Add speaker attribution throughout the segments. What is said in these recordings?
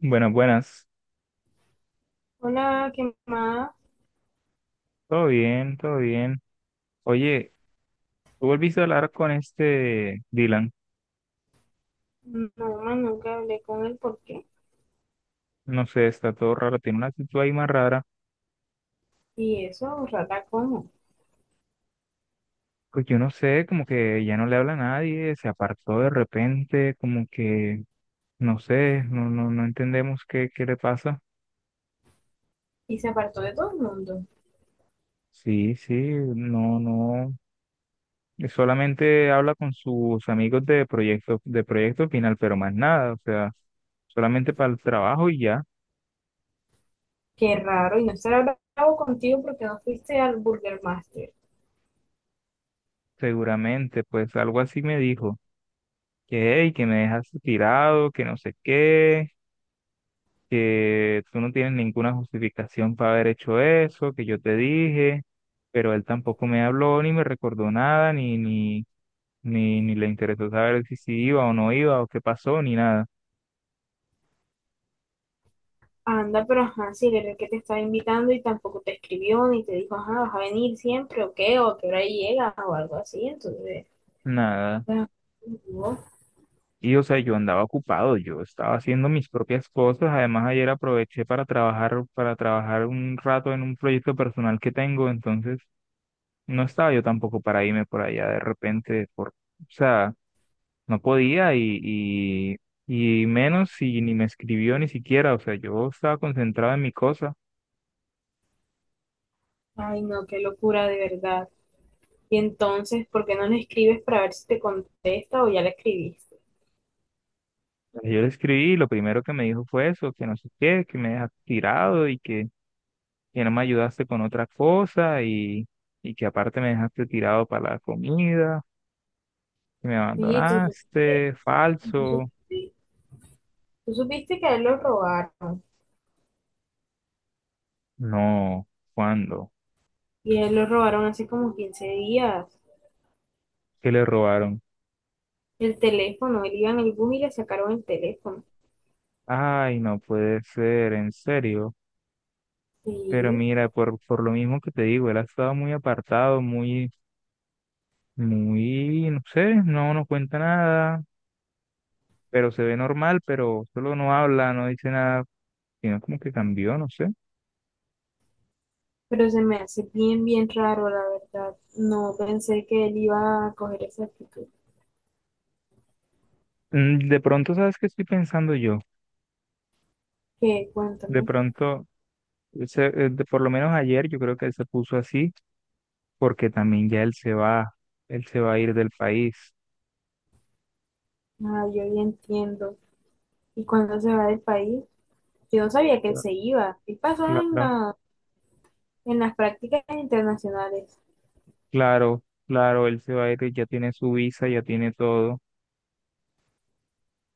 Speaker 1: Buenas, buenas.
Speaker 2: Hola, ¿qué más?
Speaker 1: Todo bien, todo bien. Oye, ¿tú volviste a hablar con este Dylan?
Speaker 2: No, más nunca hablé con él, ¿por qué?
Speaker 1: No sé, está todo raro, tiene una actitud ahí más rara.
Speaker 2: Y eso, rata, ¿cómo?
Speaker 1: Pues yo no sé, como que ya no le habla a nadie, se apartó de repente, como que, no sé, no entendemos qué le pasa.
Speaker 2: Y se apartó de todo el mundo.
Speaker 1: Sí, sí, no, no. Solamente habla con sus amigos de proyecto final, pero más nada, o sea, solamente para el trabajo y ya,
Speaker 2: Qué raro, y no estará bravo contigo porque no fuiste al Burger Master.
Speaker 1: seguramente, pues algo así me dijo. Que, "Ey, que me dejaste tirado, que no sé qué, que tú no tienes ninguna justificación para haber hecho eso, que yo te dije, pero él tampoco me habló, ni me recordó nada, ni le interesó saber si sí iba o no iba, o qué pasó, ni nada,
Speaker 2: Anda, pero ajá, si él era el que te estaba invitando y tampoco te escribió ni te dijo, ajá, vas a venir siempre o qué, o que hora llega o algo así, entonces,
Speaker 1: nada.
Speaker 2: ah, no.
Speaker 1: Y o sea, yo andaba ocupado, yo estaba haciendo mis propias cosas, además ayer aproveché para trabajar un rato en un proyecto personal que tengo, entonces no estaba yo tampoco para irme por allá de repente, o sea, no podía y menos si ni me escribió ni siquiera, o sea, yo estaba concentrado en mi cosa.
Speaker 2: Ay no, qué locura de verdad. Y entonces, ¿por qué no le escribes para ver si te contesta o ya le escribiste?
Speaker 1: Yo le escribí y lo primero que me dijo fue eso, que no sé qué, que me dejaste tirado y que no me ayudaste con otra cosa y que aparte me dejaste tirado para la comida, que me
Speaker 2: Oye,
Speaker 1: abandonaste,
Speaker 2: tú
Speaker 1: falso.
Speaker 2: supiste Tú supiste que a él lo robaron
Speaker 1: No, ¿cuándo?
Speaker 2: y a él lo robaron hace como 15 días?
Speaker 1: ¿Qué le robaron?
Speaker 2: El teléfono, él iba en el bus y le sacaron el teléfono.
Speaker 1: Ay, no puede ser, en serio. Pero
Speaker 2: Sí,
Speaker 1: mira, por lo mismo que te digo, él ha estado muy apartado, no sé, no nos cuenta nada, pero se ve normal, pero solo no habla, no dice nada, sino como que cambió, no sé.
Speaker 2: pero se me hace bien raro, la verdad. No pensé que él iba a coger esa actitud.
Speaker 1: De pronto, ¿sabes qué estoy pensando yo?
Speaker 2: Qué,
Speaker 1: De
Speaker 2: cuéntame.
Speaker 1: pronto, por lo menos ayer yo creo que él se puso así porque también ya él se va a ir del país.
Speaker 2: Ah, yo ya entiendo. ¿Y cuándo se va del país? Yo no sabía que él
Speaker 1: Claro,
Speaker 2: se iba. ¿Qué pasó en
Speaker 1: claro,
Speaker 2: en las prácticas internacionales?
Speaker 1: claro, claro, él se va a ir, ya tiene su visa, ya tiene todo.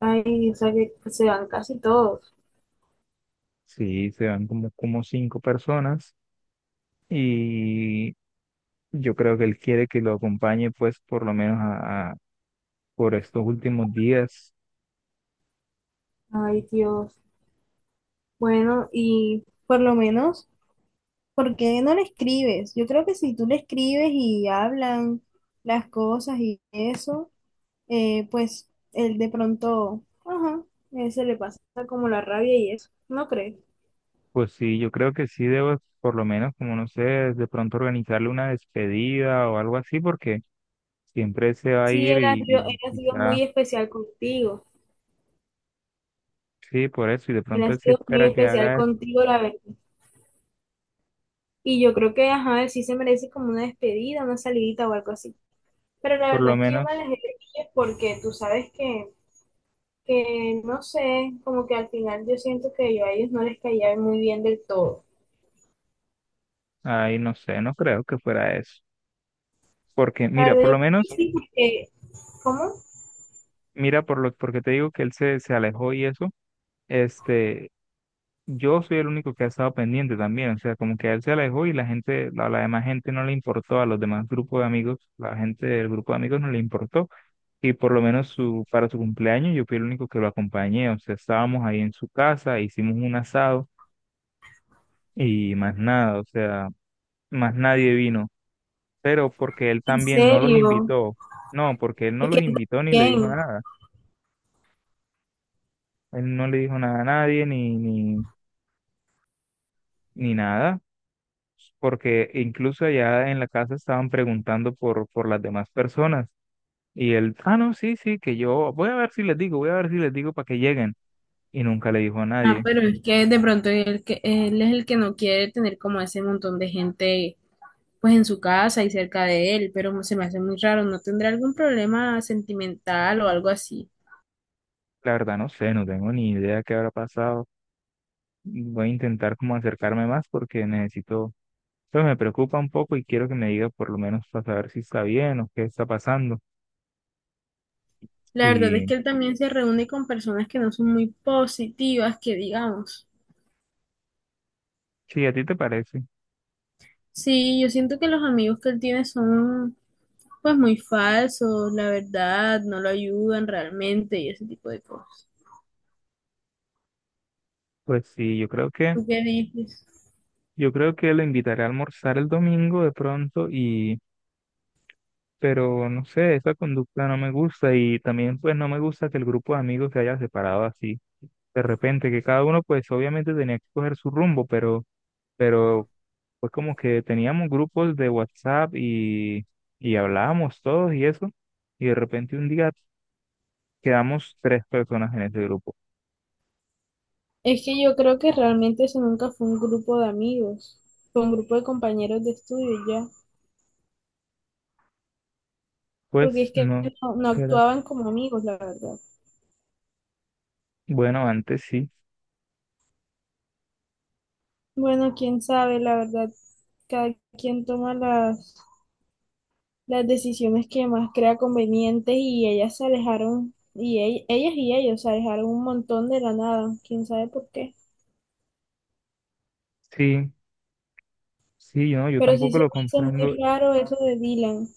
Speaker 2: Ay, o sea que se van casi todos.
Speaker 1: Sí, se van como cinco personas. Yo creo que él quiere que lo acompañe, pues, por lo menos por estos últimos días.
Speaker 2: Ay, Dios. Bueno, y por lo menos, ¿por qué no le escribes? Yo creo que si tú le escribes y hablan las cosas y eso, pues él de pronto, ajá, él se le pasa como la rabia y eso, ¿no crees?
Speaker 1: Pues sí, yo creo que sí debo, por lo menos, como no sé, de pronto organizarle una despedida o algo así, porque siempre se va a
Speaker 2: Sí,
Speaker 1: ir y,
Speaker 2: él
Speaker 1: y
Speaker 2: ha sido
Speaker 1: quizá,
Speaker 2: muy especial contigo.
Speaker 1: sí, por eso, y de
Speaker 2: Él
Speaker 1: pronto
Speaker 2: ha
Speaker 1: él sí
Speaker 2: sido muy
Speaker 1: espera que
Speaker 2: especial
Speaker 1: haga,
Speaker 2: contigo, la verdad. Y yo creo que, ajá, él sí se merece como una despedida, una salidita o algo así. Pero la
Speaker 1: por
Speaker 2: verdad
Speaker 1: lo
Speaker 2: es que yo me
Speaker 1: menos,
Speaker 2: alejé de ellos porque tú sabes que no sé, como que al final yo siento que yo a ellos no les caía muy bien del todo.
Speaker 1: ahí no sé, no creo que fuera eso. Porque,
Speaker 2: La
Speaker 1: mira, por
Speaker 2: verdad,
Speaker 1: lo
Speaker 2: yo creo que
Speaker 1: menos,
Speaker 2: sí, porque, ¿cómo?
Speaker 1: porque te digo que se alejó y eso, este, yo soy el único que ha estado pendiente también, o sea, como que él se alejó y la demás gente no le importó, a los demás grupos de amigos, la gente del grupo de amigos no le importó, y por lo menos para su cumpleaños yo fui el único que lo acompañé, o sea, estábamos ahí en su casa, hicimos un asado y más nada, o sea, más nadie vino, pero porque él
Speaker 2: En
Speaker 1: también no los
Speaker 2: serio,
Speaker 1: invitó, no, porque él no
Speaker 2: es que
Speaker 1: los invitó ni le dijo
Speaker 2: también.
Speaker 1: nada, él no le dijo nada a nadie ni nada. Porque incluso allá en la casa estaban preguntando por las demás personas. Y él, ah, no, sí, sí, que yo voy a ver si les digo, voy a ver si les digo para que lleguen. Y nunca le dijo a
Speaker 2: Ah,
Speaker 1: nadie.
Speaker 2: pero es que de pronto él es el que no quiere tener como ese montón de gente pues en su casa y cerca de él, pero se me hace muy raro, ¿no tendrá algún problema sentimental o algo así?
Speaker 1: La verdad, no sé, no tengo ni idea qué habrá pasado. Voy a intentar como acercarme más porque necesito, pues me preocupa un poco y quiero que me diga por lo menos para saber si está bien o qué está pasando.
Speaker 2: La verdad es
Speaker 1: Y
Speaker 2: que él también se reúne con personas que no son muy positivas, que digamos.
Speaker 1: si a ti te parece,
Speaker 2: Sí, yo siento que los amigos que él tiene son pues muy falsos, la verdad, no lo ayudan realmente y ese tipo de cosas.
Speaker 1: pues sí, yo creo que,
Speaker 2: ¿Tú qué dices?
Speaker 1: yo creo que lo invitaré a almorzar el domingo de pronto y pero no sé, esa conducta no me gusta y también pues no me gusta que el grupo de amigos se haya separado así de repente, que cada uno pues obviamente tenía que coger su rumbo, pero pues como que teníamos grupos de WhatsApp y hablábamos todos y eso, y de repente un día quedamos tres personas en ese grupo.
Speaker 2: Es que yo creo que realmente eso nunca fue un grupo de amigos, fue un grupo de compañeros de estudio y ya, porque
Speaker 1: Pues
Speaker 2: es que
Speaker 1: no,
Speaker 2: no
Speaker 1: era,
Speaker 2: actuaban como amigos, la verdad.
Speaker 1: bueno, antes sí,
Speaker 2: Bueno, quién sabe, la verdad, cada quien toma las decisiones que más crea convenientes y ellas se alejaron, y ellas y ellos se alejaron un montón de la nada, quién sabe por qué.
Speaker 1: sí, sí, no, yo
Speaker 2: Pero sí
Speaker 1: tampoco
Speaker 2: se
Speaker 1: lo
Speaker 2: me hace
Speaker 1: comprendo.
Speaker 2: muy raro eso de Dylan,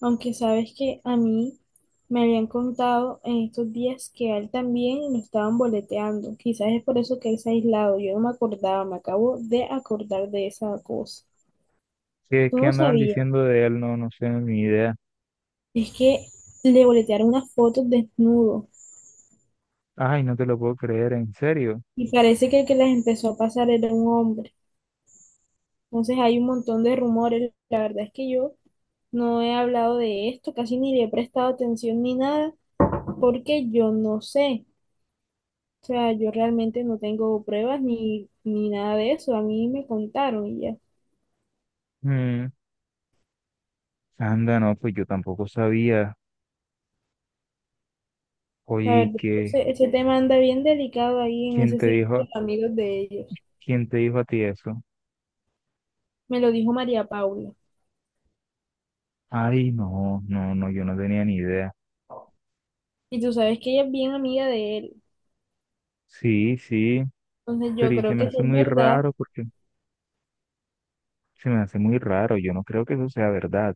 Speaker 2: aunque sabes que a mí me habían contado en estos días que a él también lo estaban boleteando. Quizás es por eso que él se ha aislado. Yo no me acordaba, me acabo de acordar de esa cosa.
Speaker 1: ¿Qué,
Speaker 2: Tú
Speaker 1: qué
Speaker 2: no
Speaker 1: andaban
Speaker 2: sabías,
Speaker 1: diciendo de él? No, no sé, ni idea.
Speaker 2: es que le boletearon unas fotos desnudo
Speaker 1: Ay, no te lo puedo creer, en serio.
Speaker 2: y parece que el que las empezó a pasar era un hombre. Entonces hay un montón de rumores. La verdad es que yo no he hablado de esto, casi ni le he prestado atención ni nada, porque yo no sé. O sea, yo realmente no tengo pruebas ni nada de eso. A mí me contaron y ya.
Speaker 1: Mm, anda, no, pues yo tampoco sabía. Oye,
Speaker 2: La
Speaker 1: ¿y
Speaker 2: verdad,
Speaker 1: qué?
Speaker 2: ese tema anda bien delicado ahí en
Speaker 1: ¿Quién
Speaker 2: ese
Speaker 1: te dijo,
Speaker 2: círculo de amigos de ellos.
Speaker 1: quién te dijo a ti eso?
Speaker 2: Me lo dijo María Paula.
Speaker 1: Ay, no, no, no, yo no tenía ni idea.
Speaker 2: Y tú sabes que ella es bien amiga de él.
Speaker 1: Sí, sí,
Speaker 2: Entonces yo
Speaker 1: pero y se
Speaker 2: creo
Speaker 1: me
Speaker 2: que si
Speaker 1: hace
Speaker 2: es
Speaker 1: muy
Speaker 2: verdad.
Speaker 1: raro porque se me hace muy raro. Yo no creo que eso sea verdad.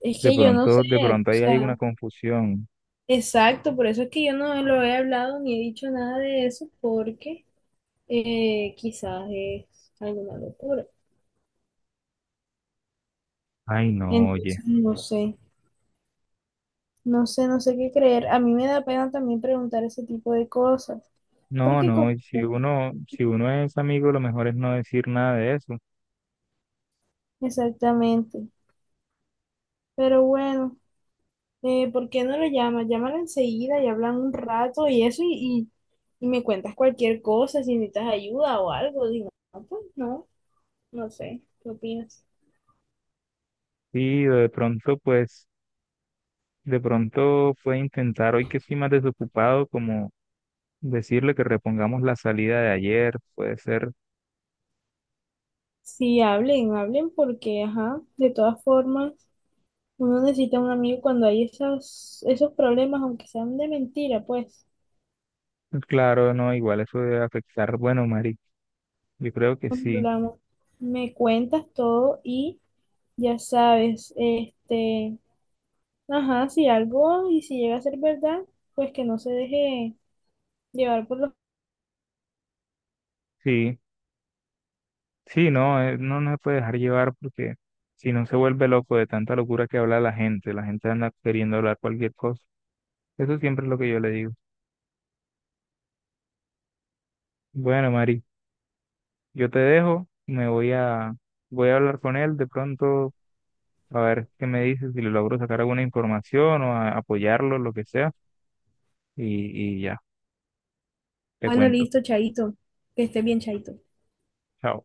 Speaker 2: Es
Speaker 1: De
Speaker 2: que yo no sé.
Speaker 1: pronto, de pronto
Speaker 2: O
Speaker 1: ahí hay una
Speaker 2: sea,
Speaker 1: confusión.
Speaker 2: exacto. Por eso es que yo no lo he hablado ni he dicho nada de eso porque quizás es alguna locura.
Speaker 1: Ay, no, oye.
Speaker 2: Entonces, no sé. No sé, no sé qué creer. A mí me da pena también preguntar ese tipo de cosas. ¿Por
Speaker 1: No,
Speaker 2: qué?
Speaker 1: no, y
Speaker 2: como-
Speaker 1: si uno es amigo, lo mejor es no decir nada de eso.
Speaker 2: Exactamente. Pero bueno, ¿por qué no lo llamas? Llámala enseguida y hablan un rato y eso y me cuentas cualquier cosa, si necesitas ayuda o algo. Digo, no, pues no, no sé. ¿Qué opinas?
Speaker 1: Y de pronto, pues, de pronto puede intentar hoy que estoy más desocupado, como decirle que repongamos la salida de ayer, puede ser,
Speaker 2: Sí, hablen, hablen porque, ajá, de todas formas, uno necesita un amigo cuando hay esos problemas, aunque sean de mentira, pues.
Speaker 1: claro, no, igual eso debe afectar. Bueno, Mari, yo creo que sí,
Speaker 2: Hablamos, me cuentas todo y ya sabes, este, ajá, si algo y si llega a ser verdad, pues que no se deje llevar por los...
Speaker 1: sí, sí, no, no se puede dejar llevar porque si no se vuelve loco de tanta locura que habla la gente anda queriendo hablar cualquier cosa. Eso siempre es lo que yo le digo. Bueno, Mari, yo te dejo, voy a hablar con él de pronto, a ver qué me dice, si le logro sacar alguna información o apoyarlo, lo que sea, y ya, te
Speaker 2: Bueno,
Speaker 1: cuento.
Speaker 2: listo, Chaito. Que esté bien, Chaito.
Speaker 1: Chao.